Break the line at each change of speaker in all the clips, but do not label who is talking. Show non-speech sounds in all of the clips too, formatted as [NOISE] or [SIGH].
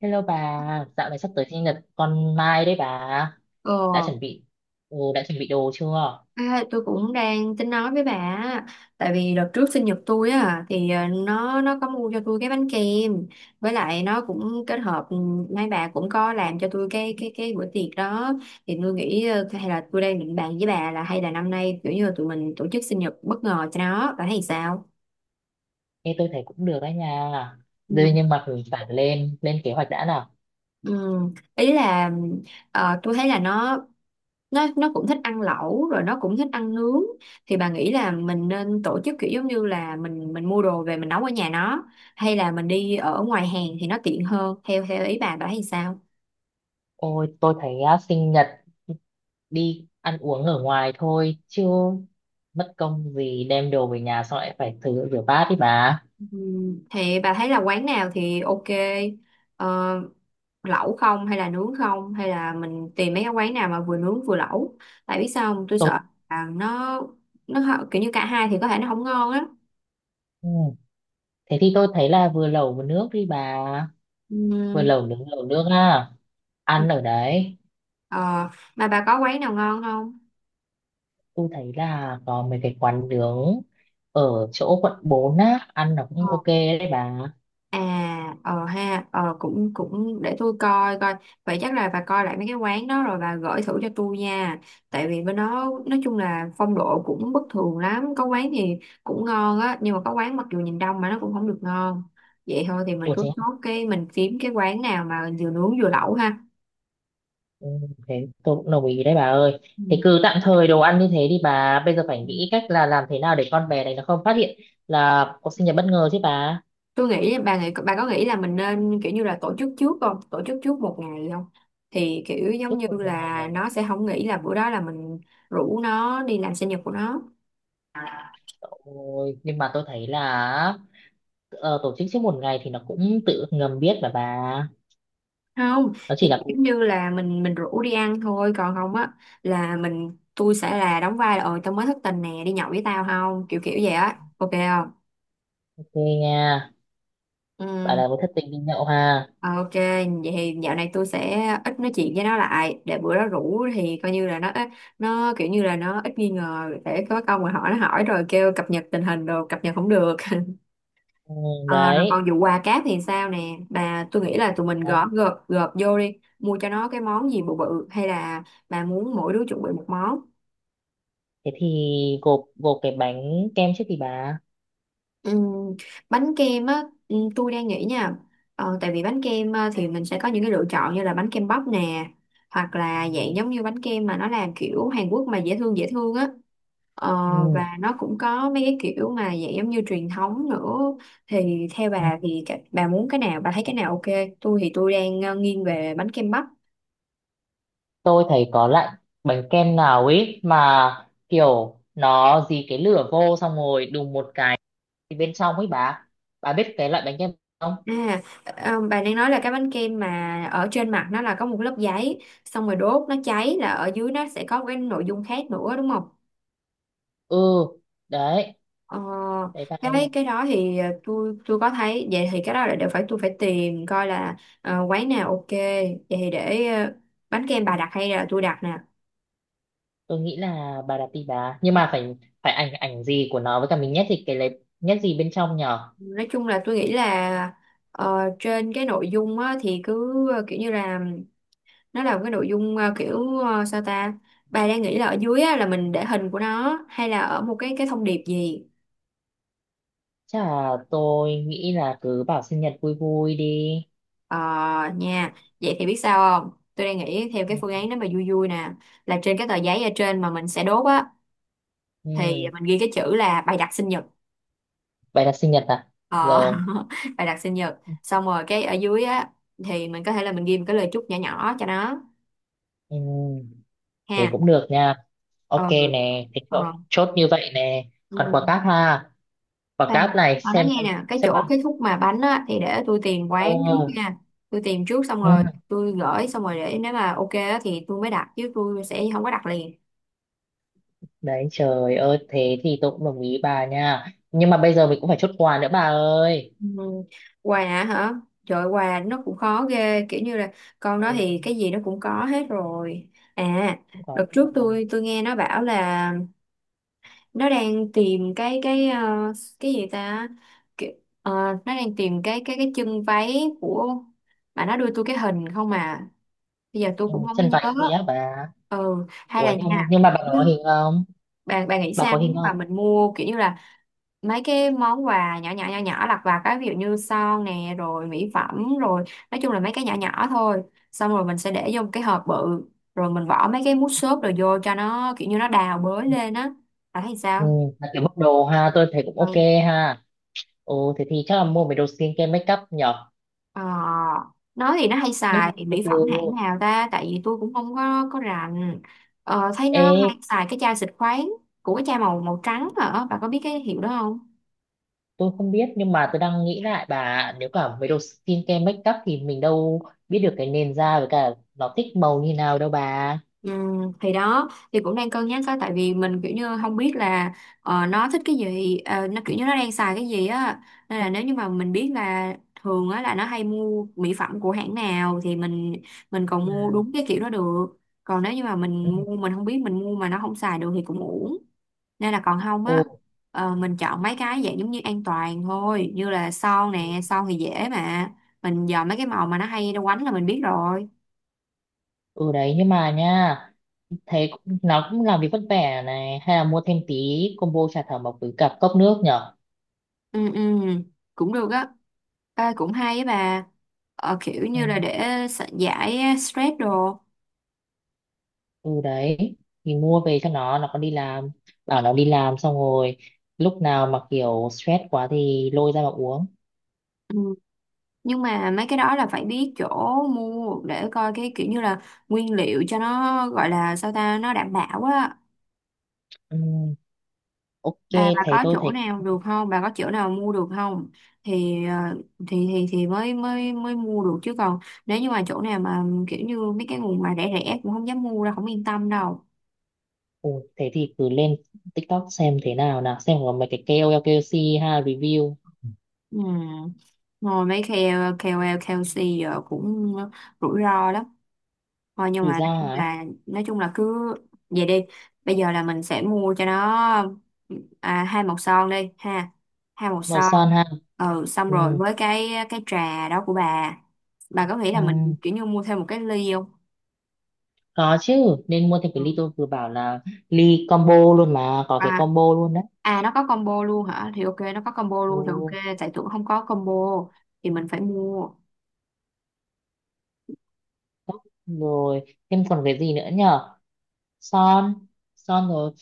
Hello bà, dạo này sắp tới sinh nhật con Mai đấy bà. Đã
Ờ,
chuẩn bị, ừ, đã chuẩn bị đồ chưa?
tôi cũng đang tính nói với bà á. Tại vì đợt trước sinh nhật tôi á thì nó có mua cho tôi cái bánh kem, với lại nó cũng kết hợp mấy bà cũng có làm cho tôi cái bữa tiệc đó. Thì tôi nghĩ hay là tôi đang định bàn với bà là hay là năm nay kiểu như là tụi mình tổ chức sinh nhật bất ngờ cho nó, bà thấy sao?
Ê, tôi thấy cũng được đấy nha. Đây
Ừ.
nhưng mà mình phải lên kế hoạch đã nào.
Ừ, ý là tôi thấy là nó cũng thích ăn lẩu, rồi nó cũng thích ăn nướng. Thì bà nghĩ là mình nên tổ chức kiểu giống như là mình mua đồ về mình nấu ở nhà nó, hay là mình đi ở ngoài hàng thì nó tiện hơn, theo theo ý bà thấy sao?
Ôi, tôi thấy á, sinh nhật đi ăn uống ở ngoài thôi, chứ mất công gì đem đồ về nhà xong lại phải thử rửa bát đi bà.
Thì bà thấy là quán nào thì ok. ờ, Lẩu không hay là nướng không, hay là mình tìm mấy cái quán nào mà vừa nướng vừa lẩu? Tại biết sao không? Tôi
Tôi,
sợ là nó kiểu như cả hai thì có thể nó không ngon á.
ừ. Thế thì tôi thấy là vừa lẩu vừa nước đi bà. Vừa
Ừm,
lẩu nướng lẩu nước à. Ăn ở đấy.
ờ, mà bà có quán nào ngon không?
Tôi thấy là có mấy cái quán nướng ở chỗ quận 4 á ăn nó cũng ok đấy bà.
À, ờ ha, ờ, cũng cũng để tôi coi coi. Vậy chắc là bà coi lại mấy cái quán đó rồi bà gửi thử cho tôi nha. Tại vì bên đó nói chung là phong độ cũng bất thường lắm. Có quán thì cũng ngon á, nhưng mà có quán mặc dù nhìn đông mà nó cũng không được ngon. Vậy thôi thì mình
Ủa
cứ
thế à?
nốt cái mình kiếm cái quán nào mà vừa nướng vừa lẩu ha.
Ừ, thế tôi cũng đồng ý đấy bà ơi. Thế cứ tạm thời đồ ăn như thế đi bà, bây giờ phải
Ừ.
nghĩ cách là làm thế nào để con bé này nó không phát hiện là có sinh nhật bất ngờ chứ bà.
Tôi nghĩ bà nghĩ, bà có nghĩ là mình nên kiểu như là tổ chức trước không, tổ chức trước một ngày không? Thì kiểu giống
Trước
như
một ngày
là
à?
nó sẽ không nghĩ là bữa đó là mình rủ nó đi làm sinh nhật của nó.
Ôi, nhưng mà tôi thấy là tổ chức trước một ngày thì nó cũng tự ngầm biết mà bà.
Không
Nó chỉ
thì
là
kiểu
ok
như là mình rủ đi ăn thôi, còn không á là mình, tôi sẽ là đóng vai là ờ tao mới thất tình nè, đi nhậu với tao không, kiểu kiểu vậy á, ok không?
nha.
Ừ.
Bà là một thất tình đi nhậu ha.
Ờ, ok, vậy thì dạo này tôi sẽ ít nói chuyện với nó lại để bữa đó rủ thì coi như là nó kiểu như là nó ít nghi ngờ để có câu mà hỏi nó, hỏi rồi kêu cập nhật tình hình đồ, cập nhật không được. [LAUGHS]
Ừ,
Ờ, rồi còn
đấy
vụ quà cáp thì sao nè bà? Tôi nghĩ là tụi mình gõ gộp gộp vô đi, mua cho nó cái món gì bự bự, hay là bà muốn mỗi đứa chuẩn bị một món?
thế thì gộp gộp cái bánh kem trước thì bà.
Ừm, bánh kem á. Ừm, tôi đang nghĩ nha. Tại vì bánh kem thì mình sẽ có những cái lựa chọn như là bánh kem bắp nè, hoặc
Ừ.
là dạng giống như bánh kem mà nó làm kiểu Hàn Quốc mà dễ thương á. Ờ,
Ừ.
và nó cũng có mấy cái kiểu mà dạng giống như truyền thống nữa. Thì theo
Ừ.
bà thì bà muốn cái nào, bà thấy cái nào ok? Tôi thì tôi đang nghiêng về bánh kem bắp.
Tôi thấy có loại bánh kem nào ấy mà kiểu nó dí cái lửa vô xong rồi đùng một cái thì bên trong ấy bà biết cái loại bánh kem không?
À, ờ, bà đang nói là cái bánh kem mà ở trên mặt nó là có một lớp giấy, xong rồi đốt nó cháy là ở dưới nó sẽ có cái nội dung khác nữa đúng không?
Ừ. Đấy.
Ờ,
Đấy bà ơi.
cái đó thì tôi có thấy vậy. Thì cái đó là đều phải tôi phải tìm coi là quán nào ok. Vậy thì để bánh kem bà đặt hay là tôi đặt nè?
Tôi nghĩ là bà đặt đi bà nhưng mà phải phải ảnh ảnh gì của nó với cả mình nhét thì cái lấy nhét gì bên trong nhở.
Nói chung là tôi nghĩ là trên cái nội dung á, thì cứ kiểu như là nó là một cái nội dung kiểu sao ta, bà đang nghĩ là ở dưới á, là mình để hình của nó hay là ở một cái thông điệp gì?
Chắc là tôi nghĩ là cứ bảo sinh nhật vui vui đi.
ờ nha. Vậy thì biết sao không, tôi đang nghĩ theo cái phương
Ừ.
án đó mà vui vui nè, là trên cái tờ giấy ở trên mà mình sẽ đốt á, thì
Ừ.
mình ghi cái chữ là "bày đặt sinh nhật".
Bà đặt sinh nhật à.
ờ,
Rồi.
[LAUGHS] Bày đặt sinh nhật xong rồi cái ở dưới á thì mình có thể là mình ghi một cái lời chúc nhỏ nhỏ cho nó
Ừ, thì
ha.
cũng được nha. Ok
Ừ.
nè, thì
Ờ.
chốt, chốt như vậy nè. Còn
Ừ.
quả cáp ha, quả
Khoan,
cáp này
nói
xem
nghe
con,
nè, cái
xem
chỗ
con.
cái khúc mà bánh á thì để tôi tìm
Ờ,
quán trước nha. Tôi tìm trước xong
ừ,
rồi tôi gửi, xong rồi để nếu mà ok á thì tôi mới đặt, chứ tôi sẽ không có đặt liền.
đấy trời ơi, thế thì tôi cũng đồng ý bà nha. Nhưng mà bây giờ mình cũng phải chốt quà nữa bà ơi.
Ừ. Quà hả? Trời, quà nó cũng khó ghê, kiểu như là con đó
Ừ,
thì cái gì nó cũng có hết rồi. À,
cũng có.
đợt trước tôi nghe nó bảo là nó đang tìm cái cái gì ta, Kiểu- ờ, nó đang tìm cái chân váy của, mà nó đưa tôi cái hình không à, bây giờ tôi
Ừ,
cũng không
chân
có
váy
nhớ.
gì á bà.
Ừ, hay
Ủa
là
nhưng,
nha,
nhưng mà bà có hình không?
bà nghĩ
Bà
sao
có
nếu
hình
như mà
không?
mình mua kiểu như là mấy cái món quà nhỏ nhỏ lặt vặt á, ví dụ như son nè, rồi mỹ phẩm, rồi nói chung là mấy cái nhỏ nhỏ thôi, xong rồi mình sẽ để vô một cái hộp bự, rồi mình bỏ mấy cái mút xốp rồi vô cho nó kiểu như nó đào bới lên á, bạn thấy
Ừ,
sao?
là kiểu bốc đồ ha, tôi thấy cũng ok
Ừ.
ha. Ừ, thế thì chắc là mua mấy đồ skincare make up nhở.
Ờ, nói thì nó hay
Nhưng mà
xài thì
từ
mỹ
từ,
phẩm hãng nào ta, tại vì tôi cũng không có rành. Ờ, thấy nó
ê
hay xài cái chai xịt khoáng của cái chai màu màu trắng hả, bạn có biết cái hiệu đó không?
tôi không biết nhưng mà tôi đang nghĩ lại bà nếu cả mấy đồ skincare make up thì mình đâu biết được cái nền da với cả nó thích màu như nào đâu bà.
Ừ, thì đó thì cũng đang cân nhắc á, tại vì mình kiểu như không biết là nó thích cái gì, nó kiểu như nó đang xài cái gì á. Nên là nếu như mà mình biết là thường á là nó hay mua mỹ phẩm của hãng nào thì mình còn mua
Ừ,
đúng cái kiểu đó được. Còn nếu như mà mình
ừ.
mua, mình không biết mình mua mà nó không xài được thì cũng uổng. Nên là còn không
Ừ,
á, mình chọn mấy cái dạng giống như an toàn thôi, như là son nè, son thì dễ mà, mình dò mấy cái màu mà nó hay nó quánh là mình biết rồi.
ừ đấy nhưng mà nha, nó cũng làm việc vất vả này hay là mua thêm tí combo trà thảo mộc với cả cốc nước nhở.
Ừ ừ, cũng được á. À, cũng hay á bà. Ờ, kiểu
Ừ,
như là để giải stress đồ.
ừ đấy thì mua về cho nó còn đi làm, bảo nó đi làm xong rồi lúc nào mà kiểu stress quá thì lôi ra mà uống.
Ừ. Nhưng mà mấy cái đó là phải biết chỗ mua để coi cái kiểu như là nguyên liệu cho nó, gọi là sao ta, nó đảm bảo á.
Ừ, ok
Là bà
thấy
có
tôi
chỗ
thấy
nào được không, bà có chỗ nào mua được không? Thì thì mới mới mới mua được, chứ còn nếu như mà chỗ nào mà kiểu như mấy cái nguồn mà rẻ rẻ cũng không dám mua đâu, không yên tâm đâu.
Ồ, thế thì cứ lên TikTok xem thế nào nào xem có mấy cái KOL KOC ha review.
Ừ. Ngồi mấy KOL, KOC giờ cũng rủi ro lắm. Thôi nhưng
Rủi
mà
ra
nói chung
hả?
là nói chung là cứ vậy đi. Bây giờ là mình sẽ mua cho nó à, hai màu son đi ha. Hai màu
Màu
son.
son ha.
Ừ, xong
Ừ,
rồi với cái trà đó của bà. Bà có nghĩ
ừ,
là mình kiểu như mua thêm một cái ly không?
có chứ nên mua thêm cái ly
Ừ.
tôi vừa bảo là ly combo luôn mà có cái
À,
combo luôn đấy.
à nó có combo luôn hả? Thì ok, nó có combo luôn thì
Ồ,
ok, tại tưởng không có combo thì mình phải mua.
rồi thêm còn cái gì nữa nhở? Son. Son rồi,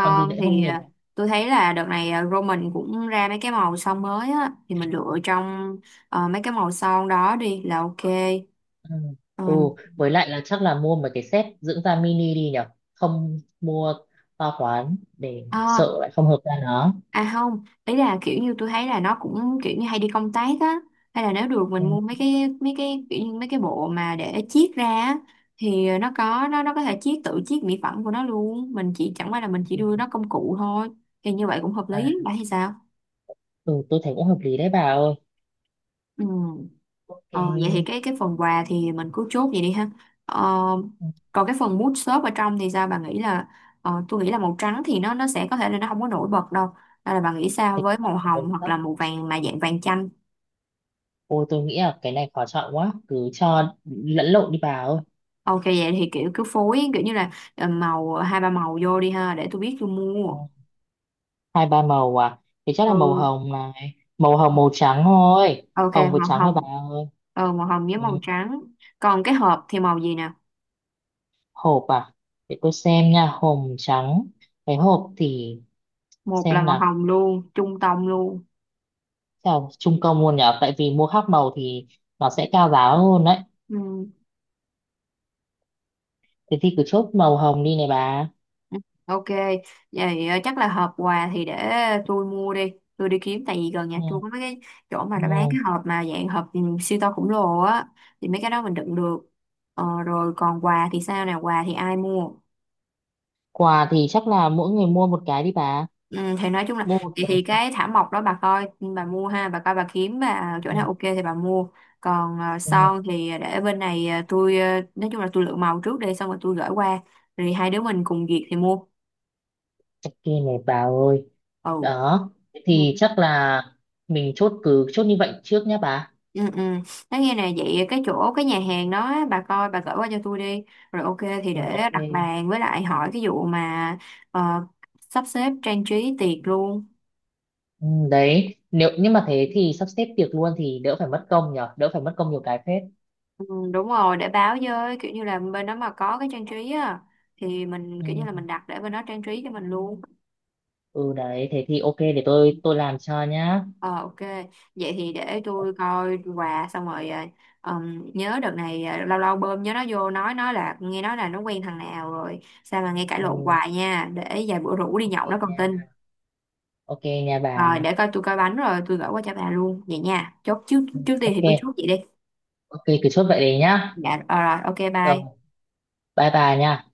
còn gì nữa
thì
không nhỉ
à,
bà?
tôi thấy là đợt này à, Roman cũng ra mấy cái màu son mới á, thì mình lựa trong mấy cái màu son đó đi là ok.
Ừ.
Ừ.
Ừ với lại là chắc là mua mấy cái set dưỡng da mini đi nhở, không mua to quá để
À,
sợ lại không hợp da nó.
à không, ý là kiểu như tôi thấy là nó cũng kiểu như hay đi công tác á, hay là nếu được mình mua
Ừ.
mấy cái kiểu như mấy cái bộ mà để chiết ra á, thì nó có nó có thể chiết, tự chiết mỹ phẩm của nó luôn, mình chỉ chẳng qua là mình chỉ
Ừ.
đưa nó công cụ thôi. Thì như vậy cũng hợp
À,
lý, bạn thì sao?
ừ, tôi thấy cũng hợp lý đấy bà ơi.
Ừ. Ờ, vậy thì
Ok.
cái phần quà thì mình cứ chốt vậy đi ha. Ờ,
Ừ,
còn cái phần mood shop ở trong thì sao, bà nghĩ là tôi nghĩ là màu trắng thì nó sẽ có thể là nó không có nổi bật đâu. Hay là bà nghĩ sao
thế cũng
với
mất
màu
một
hồng
hồi
hoặc là
đó.
màu vàng mà dạng vàng chanh?
Ôi tôi nghĩ là cái này khó chọn quá. Cứ cho lẫn lộn đi bà ơi.
Ok vậy thì kiểu cứ phối kiểu như là màu hai ba màu vô đi ha để tôi biết tôi
Ừ,
mua.
hai ba màu à. Thì chắc là màu
Ừ.
hồng này. Màu hồng màu trắng thôi.
Ok
Hồng với
màu
trắng thôi bà
hồng.
ơi.
Ừ, màu hồng với
Ừ.
màu trắng. Còn cái hộp thì màu gì nè?
Hộp à. Để tôi xem nha. Hồng trắng. Cái hộp thì
Một là
xem
màu
nào.
hồng luôn, trung tông luôn.
Chào trung công luôn nhở. Tại vì mua khác màu thì nó sẽ cao giá hơn đấy.
Ừ.
Thế thì cứ chốt màu hồng đi này bà.
Ừ, ok, vậy chắc là hộp quà thì để tôi mua đi, tôi đi kiếm, tại vì gần nhà
Ừ.
tôi có mấy cái chỗ mà
Ừ.
đã bán cái hộp mà dạng hộp siêu to khổng lồ á, thì mấy cái đó mình đựng được. Ờ, rồi còn quà thì sao nào, quà thì ai mua?
Quà thì chắc là mỗi người mua một cái đi bà.
Ừ, thì nói chung là
Mua một
thì,
cái.
thì cái thảm mộc đó bà coi, bà mua ha, bà coi bà kiếm bà chỗ
Ừ,
nào ok thì bà mua. Còn ờ,
ừ,
son thì để bên này tôi nói chung là tôi lựa màu trước đi, xong rồi tôi gửi qua, rồi hai đứa mình cùng duyệt thì mua.
kia này bà ơi.
Ừ.
Đó. Thế thì chắc là mình chốt cứ chốt như vậy trước nhá bà.
Ừ, ừ. Nói nghe nè, vậy cái chỗ cái nhà hàng đó á, bà coi bà gửi qua cho tôi đi, rồi ok thì
Ừ,
để
ok.
đặt bàn, với lại hỏi cái vụ mà ờ, sắp xếp trang trí tiệc luôn.
Ừ, đấy. Nếu nhưng mà thế thì sắp xếp tiệc luôn thì đỡ phải mất công nhở, đỡ phải mất công nhiều cái phết.
Ừ, đúng rồi, để báo với kiểu như là bên đó mà có cái trang trí á thì mình kiểu như
Ừ.
là mình đặt để bên đó trang trí cho mình luôn.
Ừ đấy, thế thì ok để tôi làm cho nhá.
Ờ ok, vậy thì để tôi coi quà xong rồi nhớ đợt này lâu lâu bơm nhớ nó vô, nói nó là nghe nói là nó quen thằng nào rồi sao mà nghe cãi lộn
Ừ,
hoài nha, để vài bữa rủ đi
ok
nhậu đó còn tin.
nha. Ok nha bà.
Rồi, để coi, tôi coi bánh rồi tôi gửi qua cho bà luôn vậy nha. Chốt trước,
Ừ,
trước tiên
ok.
thì cứ chốt vậy đi.
Ok cứ chốt vậy đấy nhá.
Dạ rồi, rồi ok
Rồi,
bye.
bye bye nha.